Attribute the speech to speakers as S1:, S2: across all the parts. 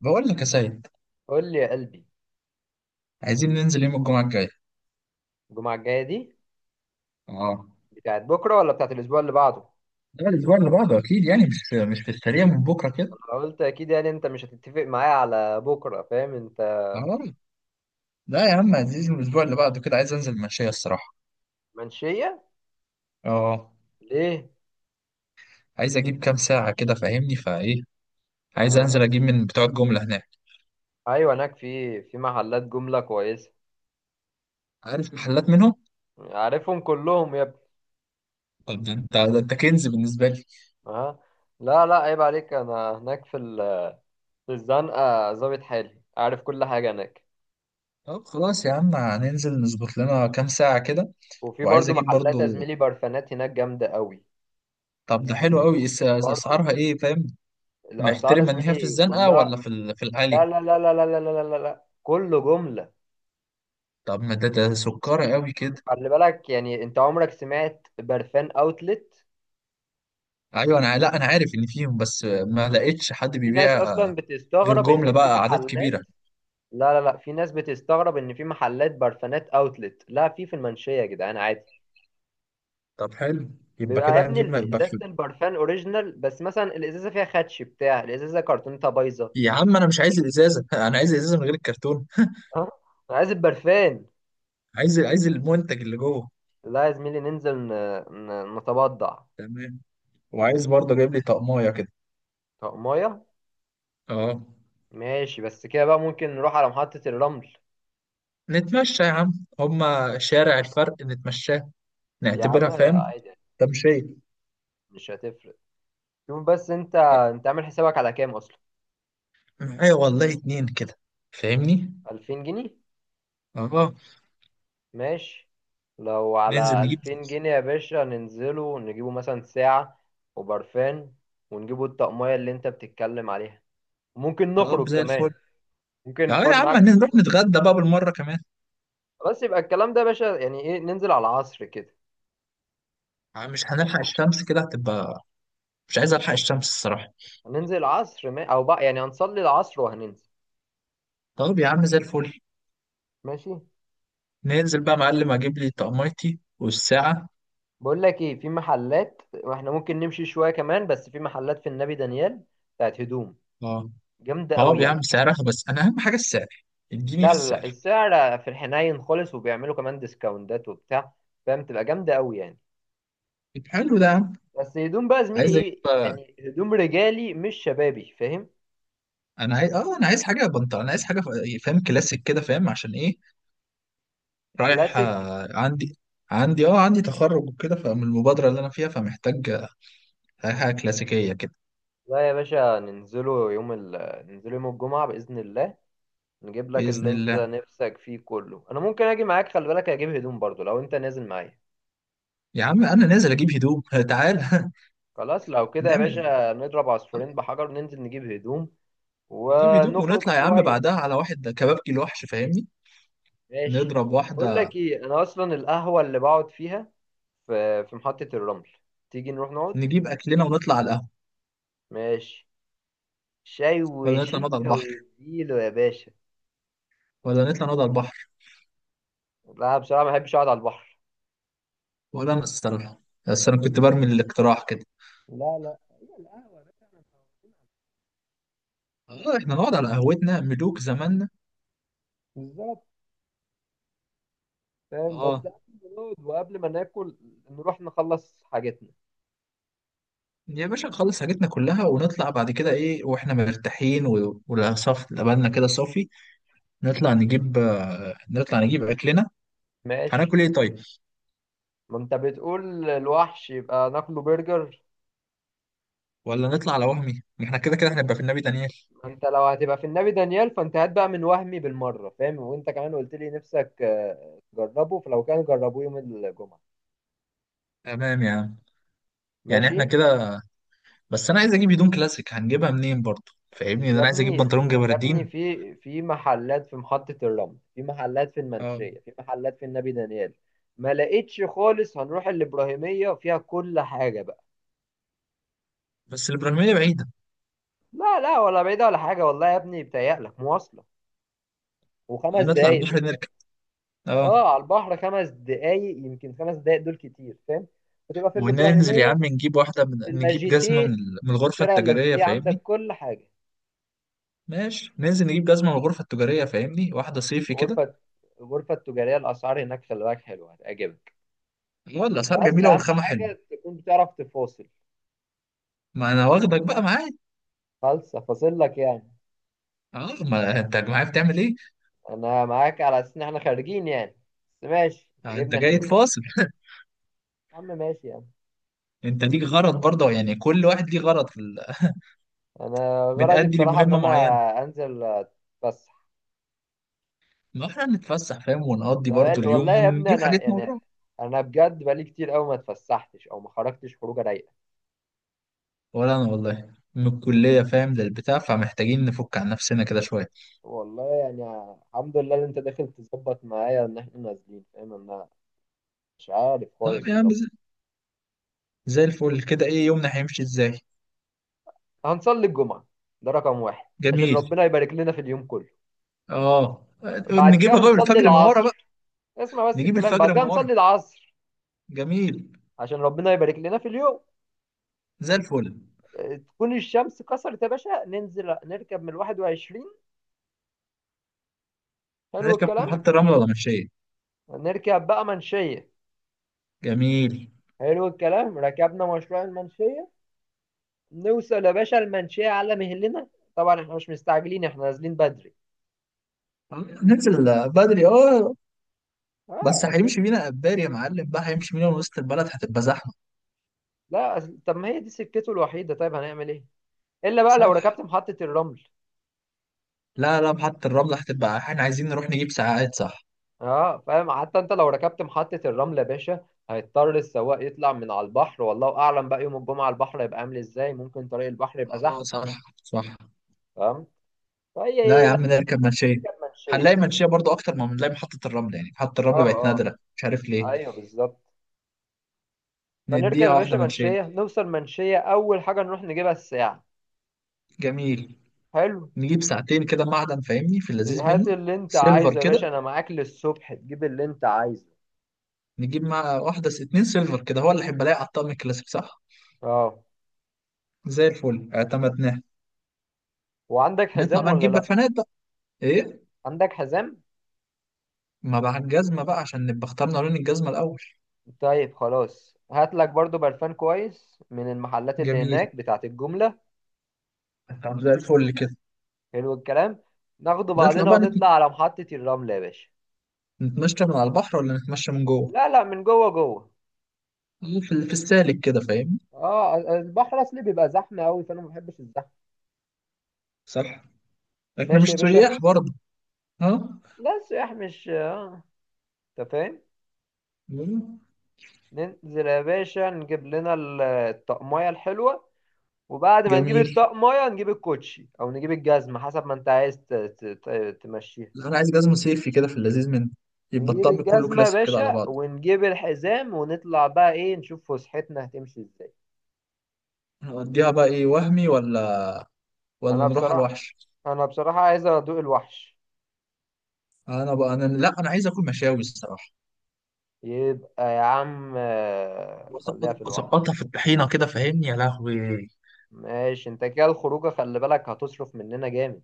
S1: بقول لك يا سيد،
S2: قول لي يا قلبي.
S1: عايزين ننزل يوم الجمعة الجاي.
S2: الجمعة الجاية دي
S1: اه.
S2: بتاعت بكرة ولا بتاعت الأسبوع اللي بعده؟
S1: لا، الأسبوع اللي بعده أكيد يعني مش في السريع من بكرة كده.
S2: أنا قلت أكيد، يعني أنت مش هتتفق معايا على بكرة، فاهم أنت؟
S1: اه. لا يا عم، عايزين الأسبوع اللي بعده كده. عايز أنزل مشاية الصراحة.
S2: منشية؟
S1: اه.
S2: ليه؟
S1: عايز أجيب كام ساعة كده فاهمني فإيه. عايز أنزل
S2: آه.
S1: أجيب من بتوع الجملة هناك.
S2: أيوة، هناك في محلات جملة كويسة.
S1: عارف محلات منهم.
S2: عارفهم كلهم يا ابني.
S1: طب ده أنت كنز بالنسبة لي.
S2: آه. لا لا، عيب عليك. أنا هناك في في الزنقة، ظابط حالي، عارف كل حاجة هناك.
S1: طب خلاص يا عم، هننزل نظبط لنا كام ساعة كده.
S2: وفي
S1: وعايز
S2: برضو
S1: أجيب
S2: محلات
S1: برضو.
S2: يا زميلي، برفانات هناك جامدة قوي.
S1: طب ده حلو أوي
S2: برضو
S1: أسعارها إيه فاهم.
S2: الأسعار يا
S1: محترمة إن هي في
S2: زميلي
S1: الزنقة ولا
S2: كلها.
S1: في
S2: لا
S1: العالي؟
S2: لا لا لا لا لا لا لا لا لا. كله جملة.
S1: طب ما ده سكرة قوي كده.
S2: خلي بالك، يعني انت عمرك سمعت برفان اوتلت؟
S1: ايوه انا، لا انا عارف ان فيهم، بس ما لقيتش حد
S2: في ناس
S1: بيبيع
S2: اصلا
S1: غير
S2: بتستغرب
S1: جملة
S2: ان في
S1: بقى اعداد كبيرة.
S2: محلات. لا لا لا، في ناس بتستغرب ان في محلات برفانات اوتلت، لا في في المنشية يا جدعان عادي.
S1: طب حلو. يبقى
S2: بيبقى يا
S1: كده
S2: ابني
S1: هنجيب م- يبقى
S2: ازازة
S1: في-
S2: البرفان اوريجينال، بس مثلا الازازة فيها خدش، بتاع الازازة كرتونتها بايظة.
S1: يا عم انا مش عايز الازازة انا عايز الازازة من غير الكرتون.
S2: ها، انا عايز البرفان.
S1: عايز المنتج اللي جوه.
S2: لا يا زميلي، ننزل نتبضع.
S1: تمام. وعايز برضه جايب لي طقمايه كده.
S2: طب ميه.
S1: اه.
S2: ماشي، بس كده بقى ممكن نروح على محطة الرمل.
S1: نتمشى يا عم، هما شارع الفرق نتمشاه،
S2: يا
S1: نعتبرها
S2: عم
S1: فاهم
S2: عادي،
S1: تمشية.
S2: مش هتفرق. شوف بس، انت عامل حسابك على كام اصلا؟
S1: معايا والله اتنين كده فاهمني.
S2: 2000 جنيه؟
S1: اه.
S2: ماشي. لو
S1: ننزل
S2: على
S1: نجيب.
S2: 2000 جنيه يا باشا، ننزله نجيبه مثلا ساعة وبرفان، ونجيبه الطقمية اللي انت بتتكلم عليها. ممكن
S1: طب
S2: نخرج
S1: زي الفل.
S2: كمان. ممكن
S1: اه يا
S2: فاض
S1: عم،
S2: معاك فلوس
S1: هنروح
S2: نخرج.
S1: نتغدى بقى بالمرة كمان.
S2: خلاص، يبقى الكلام ده يا باشا يعني ايه، ننزل على العصر كده.
S1: عم مش هنلحق الشمس كده هتبقى، مش عايز الحق الشمس الصراحة.
S2: هننزل العصر ما... او بقى، يعني هنصلي العصر وهننزل.
S1: طب يا عم زي الفل.
S2: ماشي.
S1: ننزل بقى يا معلم اجيب لي طقميتي والساعة.
S2: بقول لك ايه، في محلات واحنا ممكن نمشي شوية كمان، بس في محلات في النبي دانيال بتاعت هدوم
S1: اه.
S2: جامدة
S1: طب
S2: قوي.
S1: يا عم سعرها، بس انا اهم حاجة السعر، اديني
S2: لا
S1: في
S2: لا لا،
S1: السعر.
S2: السعر في الحنين خالص، وبيعملوا كمان ديسكاونتات وبتاع، فاهم؟ تبقى جامدة قوي يعني.
S1: طب حلو ده يا عم.
S2: بس هدوم بقى زميلي،
S1: عايز اجيب
S2: ايه
S1: بقى.
S2: يعني، هدوم رجالي مش شبابي، فاهم؟
S1: انا عايز اه انا عايز حاجة بنطلون، انا عايز حاجة فاهم كلاسيك كده فاهم عشان ايه. رايح
S2: كلاسيك.
S1: آه، عندي. عندي اه عندي تخرج وكده، فمن المبادرة اللي انا فيها فمحتاج حاجة كلاسيكية كده.
S2: لا يا باشا، ننزله يوم ننزله يوم الجمعة بإذن الله. نجيب لك
S1: بإذن
S2: اللي انت
S1: الله.
S2: نفسك فيه كله. انا ممكن اجي معاك، خلي بالك اجيب هدوم برضو لو انت نازل معايا.
S1: يا عم أنا نازل أجيب هدوم تعال
S2: خلاص لو كده يا
S1: نعمل
S2: باشا، نضرب
S1: آه،
S2: عصفورين بحجر، ننزل نجيب هدوم
S1: نجيب هدوم
S2: ونخرج
S1: ونطلع يا عم
S2: شوية.
S1: بعدها على واحد كبابجي الوحش فاهمني.
S2: ماشي.
S1: نضرب
S2: بقول لك
S1: واحدة.
S2: ايه، انا اصلا القهوه اللي بقعد فيها في محطه الرمل، تيجي نروح نقعد.
S1: نجيب أكلنا ونطلع على القهوة.
S2: ماشي. شاي
S1: ولا نطلع نقعد على
S2: وشيكه
S1: البحر؟
S2: واديله يا باشا.
S1: ولا نطلع نقعد على البحر؟
S2: لا بصراحه، ما بحبش اقعد على البحر.
S1: ولا أنا الصراحة، بس أنا كنت برمي الاقتراح كده.
S2: لا لا، هي القهوه بقى.
S1: اه احنا نقعد على قهوتنا ملوك زماننا.
S2: بالظبط. فاهم، بس
S1: اه
S2: قبل ما نقعد وقبل ما ناكل، نروح نخلص حاجتنا.
S1: يا باشا، نخلص حاجتنا كلها ونطلع بعد كده ايه واحنا مرتاحين، ولا صف لبالنا كده صافي. نطلع نجيب آه، نطلع نجيب اكلنا.
S2: ماشي.
S1: هناكل ايه طيب؟
S2: ما انت بتقول الوحش، يبقى ناكله برجر.
S1: ولا نطلع على وهمي، ما احنا كده كده هنبقى في النبي دانيال.
S2: انت لو هتبقى في النبي دانيال، فانت هات بقى من وهمي بالمره، فاهم؟ وانت كمان قلت لي نفسك، آه، تجربه، فلو كان جربوه يوم الجمعه.
S1: تمام يا عم. يعني
S2: ماشي.
S1: احنا كده. بس انا عايز اجيب هدوم كلاسيك، هنجيبها منين برضه فاهمني؟
S2: يا
S1: انا عايز
S2: ابني
S1: اجيب بنطلون
S2: يا ابني،
S1: جبردين.
S2: في محلات في محطه الرمل، في محلات في
S1: اه.
S2: المنشيه، في محلات في النبي دانيال. ما لقيتش خالص. هنروح الابراهيميه، فيها كل حاجه بقى.
S1: بس الابراهيميه بعيده.
S2: لا لا، ولا بعيده ولا حاجه، والله يا ابني بتهيألك، مواصله وخمس
S1: نطلع
S2: دقايق بس.
S1: البحر نركب. اه.
S2: اه، على البحر 5 دقايق، يمكن 5 دقايق دول كتير، فاهم؟ وتبقى في
S1: وننزل يا
S2: الابراهيميه.
S1: عم نجيب واحده من، نجيب جزمه
S2: اللاجيتيه.
S1: من
S2: في
S1: الغرفه
S2: شارع
S1: التجاريه
S2: اللاجيتيه
S1: فاهمني.
S2: عندك كل حاجة.
S1: ماشي، ننزل نجيب جزمه من الغرفه التجاريه فاهمني، واحده صيفي كده.
S2: غرفة، الغرفة التجارية الأسعار هناك، خلي بالك، حلوة هتعجبك.
S1: والله الاسعار
S2: بس
S1: جميله
S2: أهم
S1: والخامه حلوه.
S2: حاجة تكون بتعرف تفاصل.
S1: ما انا واخدك بقى معايا.
S2: فلسة، فاصل لك يعني.
S1: اه، ما انت معايا بتعمل ايه.
S2: أنا معاك على أساس إن إحنا خارجين يعني، بس ماشي
S1: آه، انت
S2: تجيبني عشان
S1: جاي
S2: نفاصل.
S1: تفاصل
S2: يا عم ماشي يعني.
S1: انت ليك غرض برضه، يعني كل واحد ليه غرض في... ال...
S2: أنا غرضي
S1: بنأدي
S2: بصراحة إن
S1: لمهمه
S2: أنا
S1: معينه.
S2: أنزل أتفسح.
S1: ما احنا نتفسح فاهم، ونقضي
S2: أنا
S1: برضو
S2: والله
S1: اليوم
S2: يا ابني،
S1: ونجيب
S2: أنا
S1: حاجتنا
S2: يعني،
S1: ونروح.
S2: أنا بجد بقالي كتير أوي ما اتفسحتش أو ما خرجتش خروجة رايقة.
S1: ولا انا والله من الكلية فاهم للبتاع، فمحتاجين نفك عن نفسنا كده شوية.
S2: والله يعني الحمد لله ان انت داخل تظبط معايا ان احنا نازلين، فاهم؟ انا مش عارف
S1: طيب
S2: كويس
S1: يا عم،
S2: اظبط.
S1: زي الفل كده. ايه يومنا هيمشي ازاي؟
S2: هنصلي الجمعة، ده رقم واحد، عشان
S1: جميل.
S2: ربنا يبارك لنا في اليوم كله.
S1: اه.
S2: بعد كده
S1: نجيبها بقى من
S2: هنصلي
S1: الفجر من ورا بقى.
S2: العصر. اسمع بس
S1: نجيب
S2: الكلام، بعد
S1: الفجر من
S2: كده
S1: ورا.
S2: هنصلي العصر
S1: جميل.
S2: عشان ربنا يبارك لنا في اليوم.
S1: زي الفل.
S2: اه، تكون الشمس كسرت يا باشا، ننزل نركب من ال21. حلو
S1: نركب
S2: الكلام.
S1: محطة الرمل ولا مشاية؟
S2: نركب بقى منشية.
S1: جميل.
S2: حلو الكلام. ركبنا مشروع المنشية، نوصل يا باشا المنشية على مهلنا. طبعا احنا مش مستعجلين، احنا نازلين بدري.
S1: ننزل بدري اه. بس
S2: اه اصل،
S1: هيمشي بينا قبار يا معلم بقى، هيمشي بينا من وسط البلد هتبقى زحمة.
S2: لا طب ما هي دي سكته الوحيده، طيب هنعمل ايه؟ الا بقى لو
S1: صح.
S2: ركبت محطه الرمل.
S1: لا لا، محطة الرمل هتبقى احنا عايزين نروح نجيب ساعات صح.
S2: اه فاهم، حتى انت لو ركبت محطه الرمل يا باشا، هيضطر السواق يطلع من على البحر، والله اعلم بقى يوم الجمعه البحر هيبقى عامل ازاي، ممكن طريق البحر يبقى
S1: اه
S2: زحمه،
S1: صح. صح.
S2: فاهم؟ فهي
S1: لا
S2: ايه،
S1: يا
S2: لا،
S1: عم، نركب منشية.
S2: نركب
S1: هنلاقي
S2: منشيه.
S1: منشية برضو أكتر ما بنلاقي محطة الرمل، يعني محطة الرمل
S2: اه
S1: بقت
S2: اه،
S1: نادرة مش عارف ليه.
S2: ايوه بالظبط. فنركب
S1: نديها
S2: يا باشا
S1: واحدة منشية.
S2: منشيه، نوصل منشيه، اول حاجه نروح نجيبها الساعه.
S1: جميل.
S2: حلو.
S1: نجيب ساعتين كده معدن فاهمني، في اللذيذ منه.
S2: هات اللي انت
S1: سيلفر
S2: عايزه يا باشا،
S1: كده.
S2: انا معاك للصبح، تجيب اللي انت عايزه.
S1: نجيب مع واحدة اتنين سيلفر كده، هو اللي هيبقى لاقي على الطقم الكلاسيك صح.
S2: اه.
S1: زي الفل اعتمدناه.
S2: وعندك
S1: نطلع
S2: حزام
S1: بقى
S2: ولا
S1: نجيب
S2: لا؟
S1: برفانات بقى. ايه؟
S2: عندك حزام.
S1: ما بقى الجزمة بقى عشان نبقى اخترنا لون الجزمة الأول.
S2: طيب خلاص، هات لك برضو برفان كويس من المحلات اللي
S1: جميل.
S2: هناك بتاعت الجملة.
S1: طب زي الفل كده.
S2: حلو الكلام. ناخده
S1: نطلع
S2: بعدنا
S1: بقى
S2: ونطلع على محطة الرمل يا باشا.
S1: نتمشى من على البحر ولا نتمشى من جوه؟
S2: لا لا، من جوه جوه،
S1: في السالك كده فاهم.
S2: اه البحر اصلي بيبقى زحمة قوي، فانا ما بحبش الزحمة.
S1: صح. احنا
S2: ماشي
S1: مش
S2: يا باشا.
S1: سياح برضه. ها.
S2: لا، السياح مش، انت فاهم.
S1: مم.
S2: ننزل يا باشا، نجيب لنا الطقمية الحلوة، وبعد ما نجيب
S1: جميل.
S2: الطقمية نجيب الكوتشي او نجيب الجزمة حسب ما انت عايز تمشيها.
S1: لا، انا عايز جزمة صيفي كده في اللذيذ منه. يبقى
S2: نجيب
S1: الطقم كله
S2: الجزمة يا
S1: كلاسيك كده على
S2: باشا
S1: بعض.
S2: ونجيب الحزام، ونطلع بقى ايه نشوف فسحتنا هتمشي ازاي.
S1: نوديها بقى ايه وهمي، ولا ولا
S2: انا
S1: نروح على
S2: بصراحة
S1: الوحش؟
S2: انا بصراحة عايز ادوق الوحش.
S1: انا بقى، انا لا، انا عايز اكل مشاوي الصراحة.
S2: يبقى يا عم، آه، خليها في الوحش.
S1: اسقطها في الطحينة كده فاهمني يا لهوي.
S2: ماشي، انت كده الخروجة خلي بالك هتصرف مننا جامد.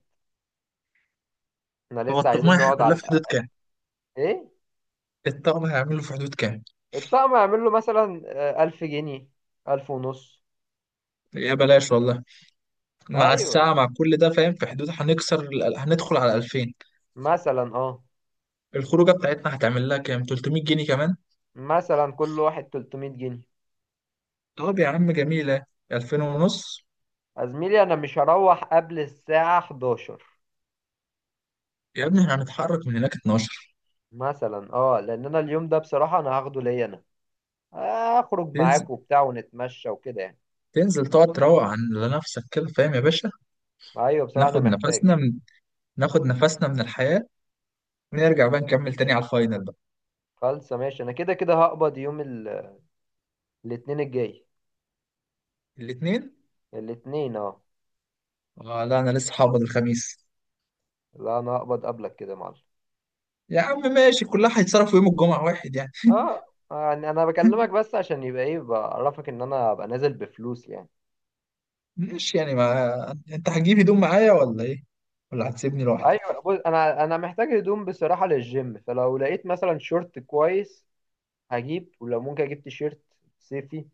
S2: احنا
S1: هو
S2: لسه
S1: الطقم
S2: عايزين نقعد
S1: هيعمل
S2: على
S1: لها في حدود
S2: الأقل.
S1: كام؟
S2: ايه؟
S1: الطقم هيعمل له في حدود كام؟
S2: الطقم هيعمل له مثلا، آه، 1000 جنيه، 1000 ونص.
S1: يا بلاش والله. مع
S2: ايوه،
S1: الساعة مع كل ده فاهم في حدود، هندخل على 2000.
S2: مثلا اه،
S1: الخروجة بتاعتنا هتعمل لها كام، 300 جنيه كمان.
S2: مثلا كل واحد 300 جنيه.
S1: طب يا عم جميلة، 2000 ونص.
S2: يا زميلي، انا مش هروح قبل الساعة 11.
S1: يا ابني احنا هنتحرك من هناك 12.
S2: مثلا اه، لان انا اليوم ده بصراحه انا هاخده ليا، انا اخرج
S1: تنزل،
S2: معاك وبتاع ونتمشى وكده يعني.
S1: تقعد تروق عن لنفسك كده فاهم يا باشا.
S2: ايوه بصراحه انا
S1: ناخد
S2: محتاج.
S1: نفسنا من، ناخد نفسنا من الحياة. ونرجع بقى نكمل تاني على الفاينل بقى.
S2: خالصه ماشي، انا كده كده هقبض يوم الاثنين الجاي.
S1: الاثنين
S2: الاثنين اه.
S1: اه. لا انا لسه هقبض الخميس.
S2: لا انا هقبض قبلك كده يا معلم.
S1: يا عم ماشي، كلها هيتصرفوا يوم الجمعة واحد يعني.
S2: اه، يعني انا بكلمك بس عشان يبقى ايه، بعرفك ان انا ابقى نازل بفلوس يعني.
S1: ماشي يعني، ما انت هتجيب هدوم معايا ولا ايه ولا هتسيبني لوحدي؟
S2: ايوه بص، انا محتاج هدوم بصراحه للجيم، فلو لقيت مثلا شورت كويس هجيب، ولو ممكن اجيب تيشيرت صيفي.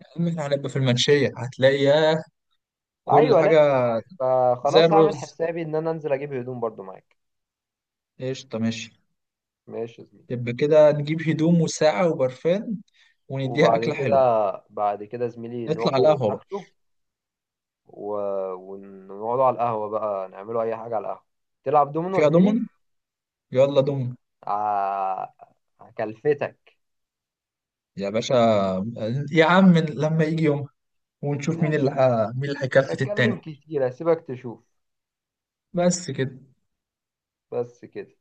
S1: يا عم احنا هنبقى في المنشية، هتلاقي ياه كل
S2: ايوه،
S1: حاجة. زي
S2: فخلاص هعمل
S1: الرز.
S2: حسابي ان انا انزل اجيب هدوم برضو معاك.
S1: قشطة ماشي.
S2: ماشي يا زميلي.
S1: يبقى كده نجيب هدوم وساعة وبرفان، ونديها
S2: وبعد
S1: أكلة
S2: كده،
S1: حلوة.
S2: بعد كده زميلي
S1: نطلع على
S2: نروحوا
S1: القهوة بقى.
S2: ناكله و... ونقعدوا على القهوة بقى، نعملوا اي حاجة على القهوة. تلعب دومينو يا
S1: فيها
S2: زميلي؟
S1: دومن؟ يلا دومن.
S2: ع- هكلفتك.
S1: يا باشا. يا عم لما يجي يوم، ونشوف مين اللي
S2: ماشي،
S1: مين اللي
S2: مش
S1: هيكفت
S2: هتكلم
S1: التاني.
S2: كتير، هسيبك تشوف.
S1: بس كده.
S2: بس كده.